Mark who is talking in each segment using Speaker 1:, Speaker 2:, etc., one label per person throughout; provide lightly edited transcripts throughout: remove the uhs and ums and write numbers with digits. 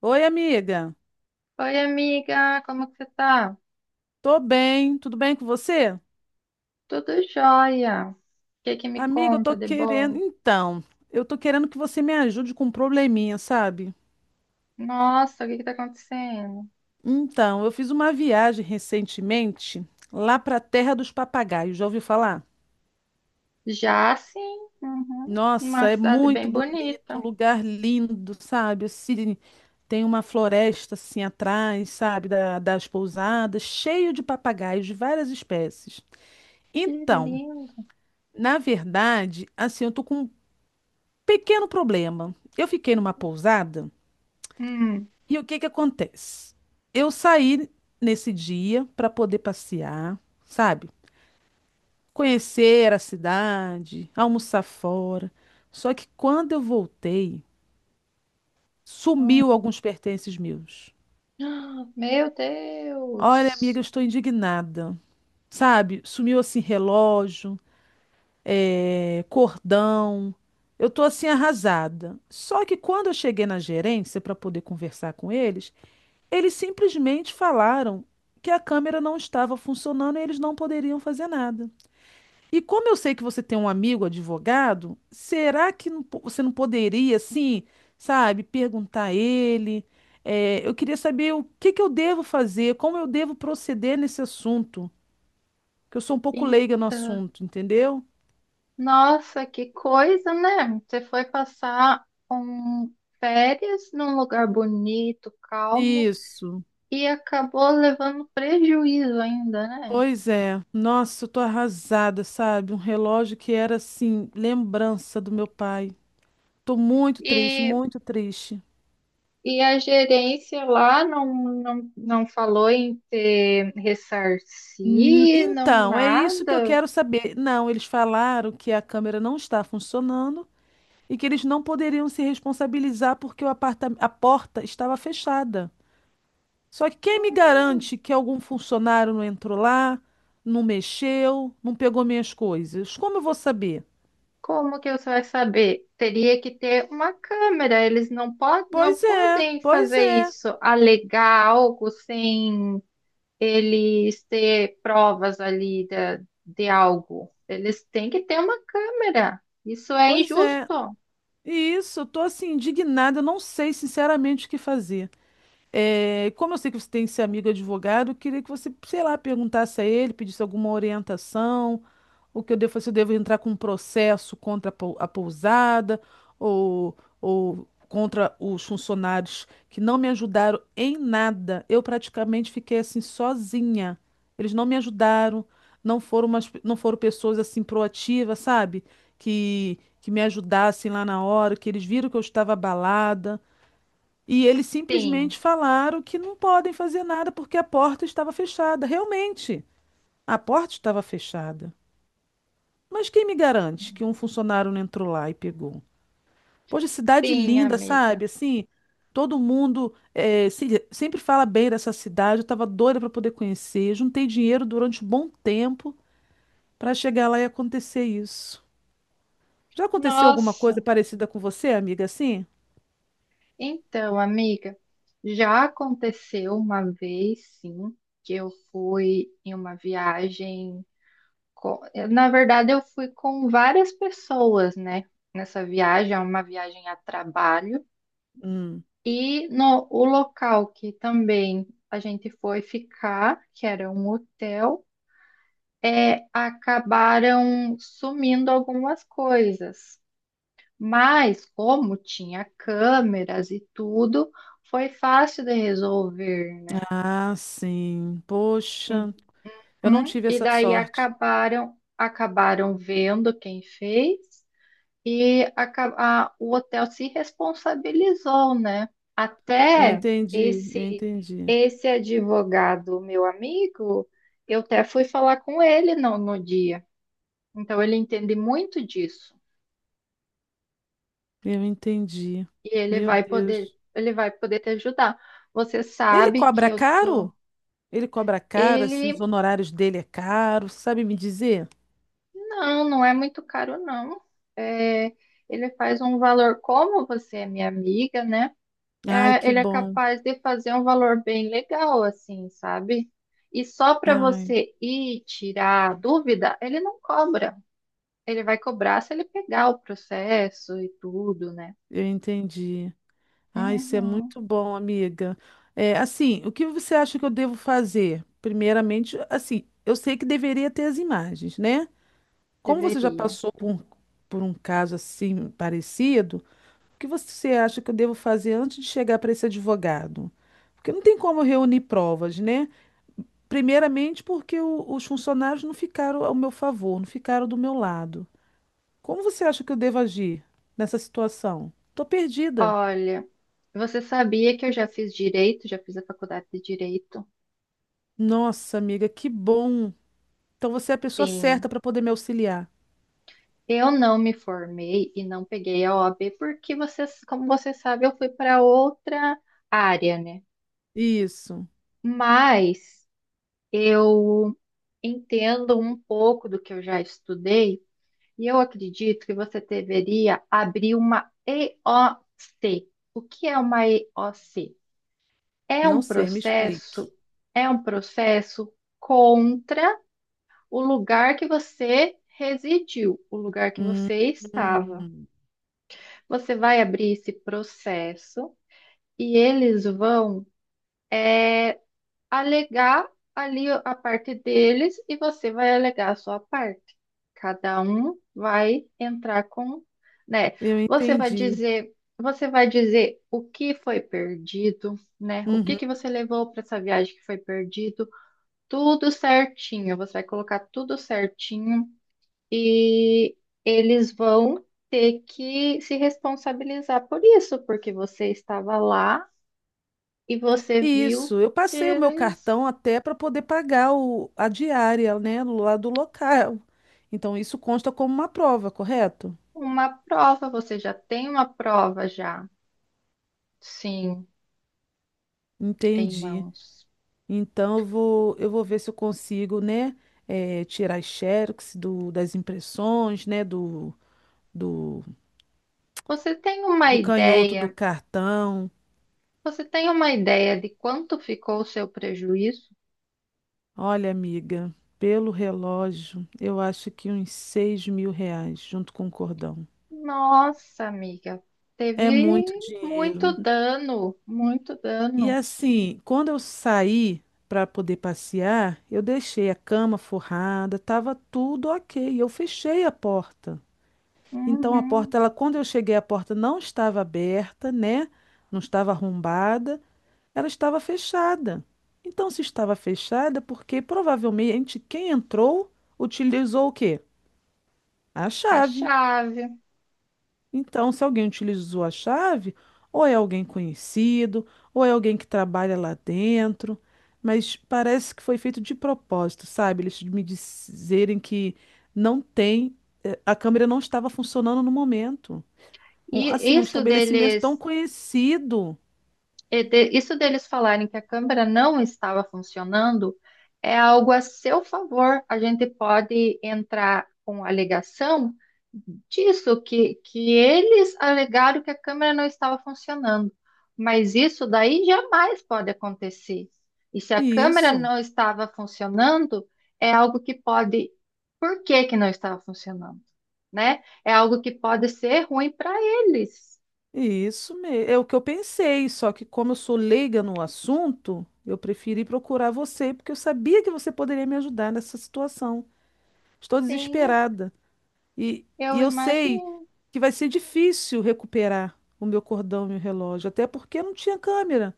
Speaker 1: Oi, amiga.
Speaker 2: Oi, amiga, como que você tá?
Speaker 1: Tô bem, tudo bem com você?
Speaker 2: Tudo jóia. O que que me
Speaker 1: Amiga, eu tô
Speaker 2: conta de
Speaker 1: querendo.
Speaker 2: bom?
Speaker 1: Eu tô querendo que você me ajude com um probleminha, sabe?
Speaker 2: Nossa, o que que tá acontecendo?
Speaker 1: Então, eu fiz uma viagem recentemente lá pra Terra dos Papagaios. Já ouviu falar?
Speaker 2: Já sim, uhum. Uma
Speaker 1: Nossa, é
Speaker 2: cidade
Speaker 1: muito
Speaker 2: bem
Speaker 1: bonito, um
Speaker 2: bonita.
Speaker 1: lugar lindo, sabe? Assim, tem uma floresta assim atrás, sabe? Das pousadas, cheio de papagaios de várias espécies.
Speaker 2: Que
Speaker 1: Então,
Speaker 2: lindo.
Speaker 1: na verdade, assim, eu tô com um pequeno problema. Eu fiquei numa pousada
Speaker 2: Hum,
Speaker 1: e o que que acontece? Eu saí nesse dia para poder passear, sabe? Conhecer a cidade, almoçar fora. Só que quando eu voltei, sumiu
Speaker 2: hum.
Speaker 1: alguns pertences meus.
Speaker 2: Ah, Meu
Speaker 1: Olha, amiga,
Speaker 2: Deus.
Speaker 1: eu estou indignada. Sabe? Sumiu assim relógio, cordão. Eu tô assim arrasada. Só que quando eu cheguei na gerência para poder conversar com eles, eles simplesmente falaram que a câmera não estava funcionando e eles não poderiam fazer nada. E como eu sei que você tem um amigo advogado, será que você não poderia, assim, sabe, perguntar a ele? É, eu queria saber o que que eu devo fazer, como eu devo proceder nesse assunto, que eu sou um pouco leiga no
Speaker 2: Então,
Speaker 1: assunto, entendeu?
Speaker 2: Nossa, que coisa, né? Você foi passar um férias num lugar bonito, calmo,
Speaker 1: Isso.
Speaker 2: e acabou levando prejuízo ainda, né?
Speaker 1: Pois é. Nossa, eu tô arrasada, sabe? Um relógio que era, assim, lembrança do meu pai. Tô muito triste,
Speaker 2: E
Speaker 1: muito triste.
Speaker 2: E a gerência lá não falou em ter ressarcir, não
Speaker 1: Então, é isso que eu
Speaker 2: nada.
Speaker 1: quero saber. Não, eles falaram que a câmera não está funcionando e que eles não poderiam se responsabilizar porque o aparta a porta estava fechada. Só que quem me garante que algum funcionário não entrou lá, não mexeu, não pegou minhas coisas? Como eu vou saber?
Speaker 2: Como que você vai saber? Teria que ter uma câmera. Eles não
Speaker 1: Pois é,
Speaker 2: podem
Speaker 1: pois
Speaker 2: fazer
Speaker 1: é,
Speaker 2: isso, alegar algo sem eles ter provas ali de algo. Eles têm que ter uma câmera. Isso é
Speaker 1: pois é.
Speaker 2: injusto.
Speaker 1: E isso, eu tô assim indignada, eu não sei sinceramente o que fazer. É, como eu sei que você tem esse amigo advogado, eu queria que você, sei lá, perguntasse a ele, pedisse alguma orientação, o que eu devo fazer, se eu devo entrar com um processo contra a pousada ou contra os funcionários que não me ajudaram em nada. Eu praticamente fiquei assim sozinha. Eles não me ajudaram, não foram pessoas assim proativas, sabe? Que me ajudassem lá na hora, que eles viram que eu estava abalada. E eles
Speaker 2: Sim,
Speaker 1: simplesmente falaram que não podem fazer nada porque a porta estava fechada. Realmente, a porta estava fechada. Mas quem me garante que um funcionário não entrou lá e pegou? Poxa, cidade
Speaker 2: sim,
Speaker 1: linda,
Speaker 2: amiga.
Speaker 1: sabe? Assim, todo mundo sempre fala bem dessa cidade. Eu estava doida para poder conhecer. Juntei dinheiro durante um bom tempo para chegar lá e acontecer isso. Já aconteceu alguma coisa
Speaker 2: Nossa.
Speaker 1: parecida com você, amiga, assim?
Speaker 2: Então, amiga, já aconteceu uma vez, sim, que eu fui em uma viagem. com- Na verdade, eu fui com várias pessoas, né? Nessa viagem, é uma viagem a trabalho.
Speaker 1: Hum.
Speaker 2: E no, O local que também a gente foi ficar, que era um hotel, é, acabaram sumindo algumas coisas. Mas, como tinha câmeras e tudo, foi fácil de resolver, né?
Speaker 1: Ah, sim. Poxa, eu não
Speaker 2: Uhum.
Speaker 1: tive
Speaker 2: E
Speaker 1: essa
Speaker 2: daí
Speaker 1: sorte.
Speaker 2: acabaram vendo quem fez e o hotel se responsabilizou, né?
Speaker 1: Eu
Speaker 2: Até
Speaker 1: entendi,
Speaker 2: esse
Speaker 1: eu entendi,
Speaker 2: esse advogado, meu amigo, eu até fui falar com ele no dia. Então ele entende muito disso.
Speaker 1: eu entendi.
Speaker 2: E
Speaker 1: Meu Deus.
Speaker 2: ele vai poder te ajudar. Você
Speaker 1: Ele
Speaker 2: sabe que
Speaker 1: cobra
Speaker 2: eu
Speaker 1: caro?
Speaker 2: tô.
Speaker 1: Ele cobra caro, se os
Speaker 2: Ele
Speaker 1: honorários dele é caro, sabe me dizer?
Speaker 2: não é muito caro, não. É, ele faz um valor, como você é minha amiga, né?
Speaker 1: Ai,
Speaker 2: É,
Speaker 1: que
Speaker 2: ele é
Speaker 1: bom.
Speaker 2: capaz de fazer um valor bem legal, assim, sabe? E só para
Speaker 1: Ai,
Speaker 2: você ir tirar a dúvida, ele não cobra. Ele vai cobrar se ele pegar o processo e tudo, né?
Speaker 1: eu entendi. Ai, isso é
Speaker 2: Uhum,
Speaker 1: muito bom, amiga. É, assim, o que você acha que eu devo fazer? Primeiramente, assim, eu sei que deveria ter as imagens, né? Como você já
Speaker 2: deveria.
Speaker 1: passou por um caso assim parecido, o que você acha que eu devo fazer antes de chegar para esse advogado? Porque não tem como eu reunir provas, né? Primeiramente, porque os funcionários não ficaram ao meu favor, não ficaram do meu lado. Como você acha que eu devo agir nessa situação? Tô perdida.
Speaker 2: Olha. Você sabia que eu já fiz direito, já fiz a faculdade de direito?
Speaker 1: Nossa, amiga, que bom. Então você é a pessoa
Speaker 2: Sim.
Speaker 1: certa para poder me auxiliar.
Speaker 2: Eu não me formei e não peguei a OAB porque você, como você sabe, eu fui para outra área, né?
Speaker 1: Isso.
Speaker 2: Mas eu entendo um pouco do que eu já estudei e eu acredito que você deveria abrir uma EOC. O C. O que é uma EOC? É um
Speaker 1: Não sei, me explique.
Speaker 2: processo, é um processo contra o lugar que você residiu, o lugar que
Speaker 1: Hum,
Speaker 2: você estava.
Speaker 1: hum,
Speaker 2: Você vai abrir esse processo e eles vão é, alegar ali a parte deles e você vai alegar a sua parte. Cada um vai entrar com, né?
Speaker 1: eu entendi.
Speaker 2: Você vai dizer o que foi perdido, né? O que que
Speaker 1: Uhum.
Speaker 2: você levou para essa viagem que foi perdido? Tudo certinho, você vai colocar tudo certinho. E eles vão ter que se responsabilizar por isso, porque você estava lá e você viu
Speaker 1: Isso, eu passei o meu
Speaker 2: eles
Speaker 1: cartão até para poder pagar a diária, né, lá do local. Então isso consta como uma prova, correto?
Speaker 2: uma prova, você já tem uma prova já, sim, em
Speaker 1: Entendi.
Speaker 2: mãos.
Speaker 1: Então eu vou ver se eu consigo, né, tirar as xerox das impressões, né, do,
Speaker 2: Você tem uma
Speaker 1: do canhoto do
Speaker 2: ideia,
Speaker 1: cartão.
Speaker 2: você tem uma ideia de quanto ficou o seu prejuízo?
Speaker 1: Olha, amiga, pelo relógio, eu acho que uns R$ 6.000 junto com o cordão.
Speaker 2: Nossa, amiga,
Speaker 1: É
Speaker 2: teve
Speaker 1: muito
Speaker 2: muito
Speaker 1: dinheiro.
Speaker 2: dano, muito
Speaker 1: E
Speaker 2: dano.
Speaker 1: assim, quando eu saí para poder passear, eu deixei a cama forrada, estava tudo ok. Eu fechei a porta. Então a
Speaker 2: Uhum.
Speaker 1: porta, ela, quando eu cheguei, a porta não estava aberta, né? Não estava arrombada, ela estava fechada. Então se estava fechada, porque provavelmente quem entrou utilizou o quê? A
Speaker 2: A
Speaker 1: chave.
Speaker 2: chave.
Speaker 1: Então, se alguém utilizou a chave, ou é alguém conhecido, ou é alguém que trabalha lá dentro, mas parece que foi feito de propósito, sabe? Eles me dizerem que não tem, a câmera não estava funcionando no momento. Assim,
Speaker 2: E
Speaker 1: um
Speaker 2: isso
Speaker 1: estabelecimento tão
Speaker 2: deles
Speaker 1: conhecido.
Speaker 2: Isso deles falarem que a câmera não estava funcionando é algo a seu favor. A gente pode entrar com alegação disso, que eles alegaram que a câmera não estava funcionando. Mas isso daí jamais pode acontecer. E se a câmera
Speaker 1: Isso,
Speaker 2: não estava funcionando, é algo que pode. Por que que não estava funcionando? Né? É algo que pode ser ruim para eles.
Speaker 1: isso mesmo. É o que eu pensei, só que como eu sou leiga no assunto, eu preferi procurar você, porque eu sabia que você poderia me ajudar nessa situação. Estou
Speaker 2: Sim,
Speaker 1: desesperada. E
Speaker 2: eu
Speaker 1: eu sei
Speaker 2: imagino.
Speaker 1: que vai ser difícil recuperar o meu cordão e o relógio, até porque não tinha câmera.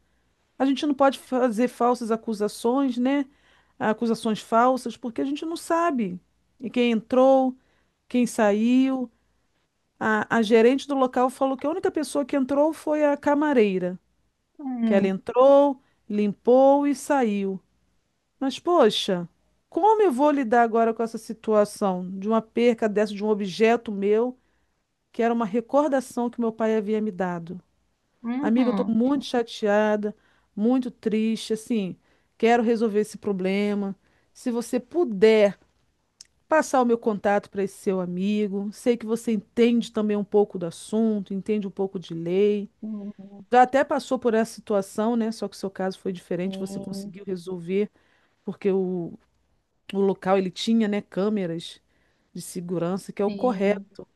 Speaker 1: A gente não pode fazer falsas acusações, né? Acusações falsas, porque a gente não sabe. E quem entrou, quem saiu. A gerente do local falou que a única pessoa que entrou foi a camareira, que ela
Speaker 2: Hum,
Speaker 1: entrou, limpou e saiu. Mas, poxa, como eu vou lidar agora com essa situação de uma perca dessa, de um objeto meu? Que era uma recordação que meu pai havia me dado. Amiga, eu estou
Speaker 2: uhum,
Speaker 1: muito chateada, muito triste, assim, quero resolver esse problema. Se você puder passar o meu contato para esse seu amigo, sei que você entende também um pouco do assunto, entende um pouco de lei.
Speaker 2: uhum.
Speaker 1: Já até passou por essa situação, né? Só que o seu caso foi diferente, você
Speaker 2: Sim,
Speaker 1: conseguiu resolver, porque o local ele tinha, né, câmeras de segurança, que é o
Speaker 2: sim.
Speaker 1: correto.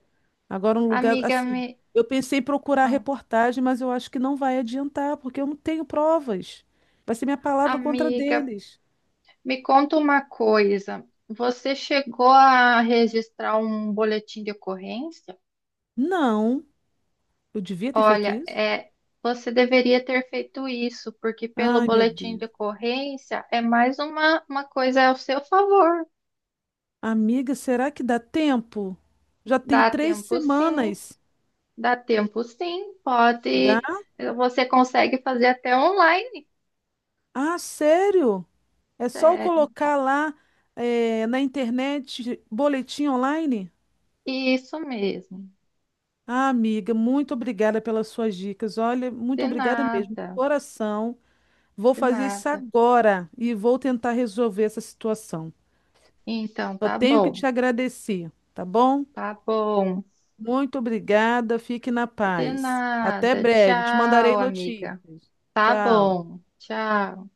Speaker 1: Agora, um lugar
Speaker 2: Amiga,
Speaker 1: assim.
Speaker 2: me,
Speaker 1: Eu pensei em procurar
Speaker 2: ah,
Speaker 1: reportagem, mas eu acho que não vai adiantar, porque eu não tenho provas. Vai ser minha palavra contra a
Speaker 2: amiga,
Speaker 1: deles.
Speaker 2: me conta uma coisa. Você chegou a registrar um boletim de ocorrência?
Speaker 1: Não, eu devia ter feito
Speaker 2: Olha,
Speaker 1: isso.
Speaker 2: é, você deveria ter feito isso, porque pelo
Speaker 1: Ai, meu
Speaker 2: boletim de
Speaker 1: Deus.
Speaker 2: ocorrência é mais uma coisa ao seu favor.
Speaker 1: Amiga, será que dá tempo? Já tem
Speaker 2: Dá
Speaker 1: três
Speaker 2: tempo sim,
Speaker 1: semanas.
Speaker 2: dá tempo sim,
Speaker 1: Dá?
Speaker 2: pode. Você consegue fazer até online,
Speaker 1: Ah, sério? É só eu
Speaker 2: sério.
Speaker 1: colocar lá, na internet, boletim online?
Speaker 2: Isso mesmo.
Speaker 1: Ah, amiga, muito obrigada pelas suas dicas. Olha, muito
Speaker 2: De
Speaker 1: obrigada mesmo.
Speaker 2: nada,
Speaker 1: Coração. Vou
Speaker 2: de
Speaker 1: fazer isso
Speaker 2: nada.
Speaker 1: agora e vou tentar resolver essa situação.
Speaker 2: Então,
Speaker 1: Só
Speaker 2: tá
Speaker 1: tenho que
Speaker 2: bom,
Speaker 1: te agradecer, tá bom?
Speaker 2: tá bom.
Speaker 1: Muito obrigada, fique na
Speaker 2: De
Speaker 1: paz. Até
Speaker 2: nada.
Speaker 1: breve, te mandarei
Speaker 2: Tchau, amiga.
Speaker 1: notícias.
Speaker 2: Tá
Speaker 1: Tchau.
Speaker 2: bom, tchau.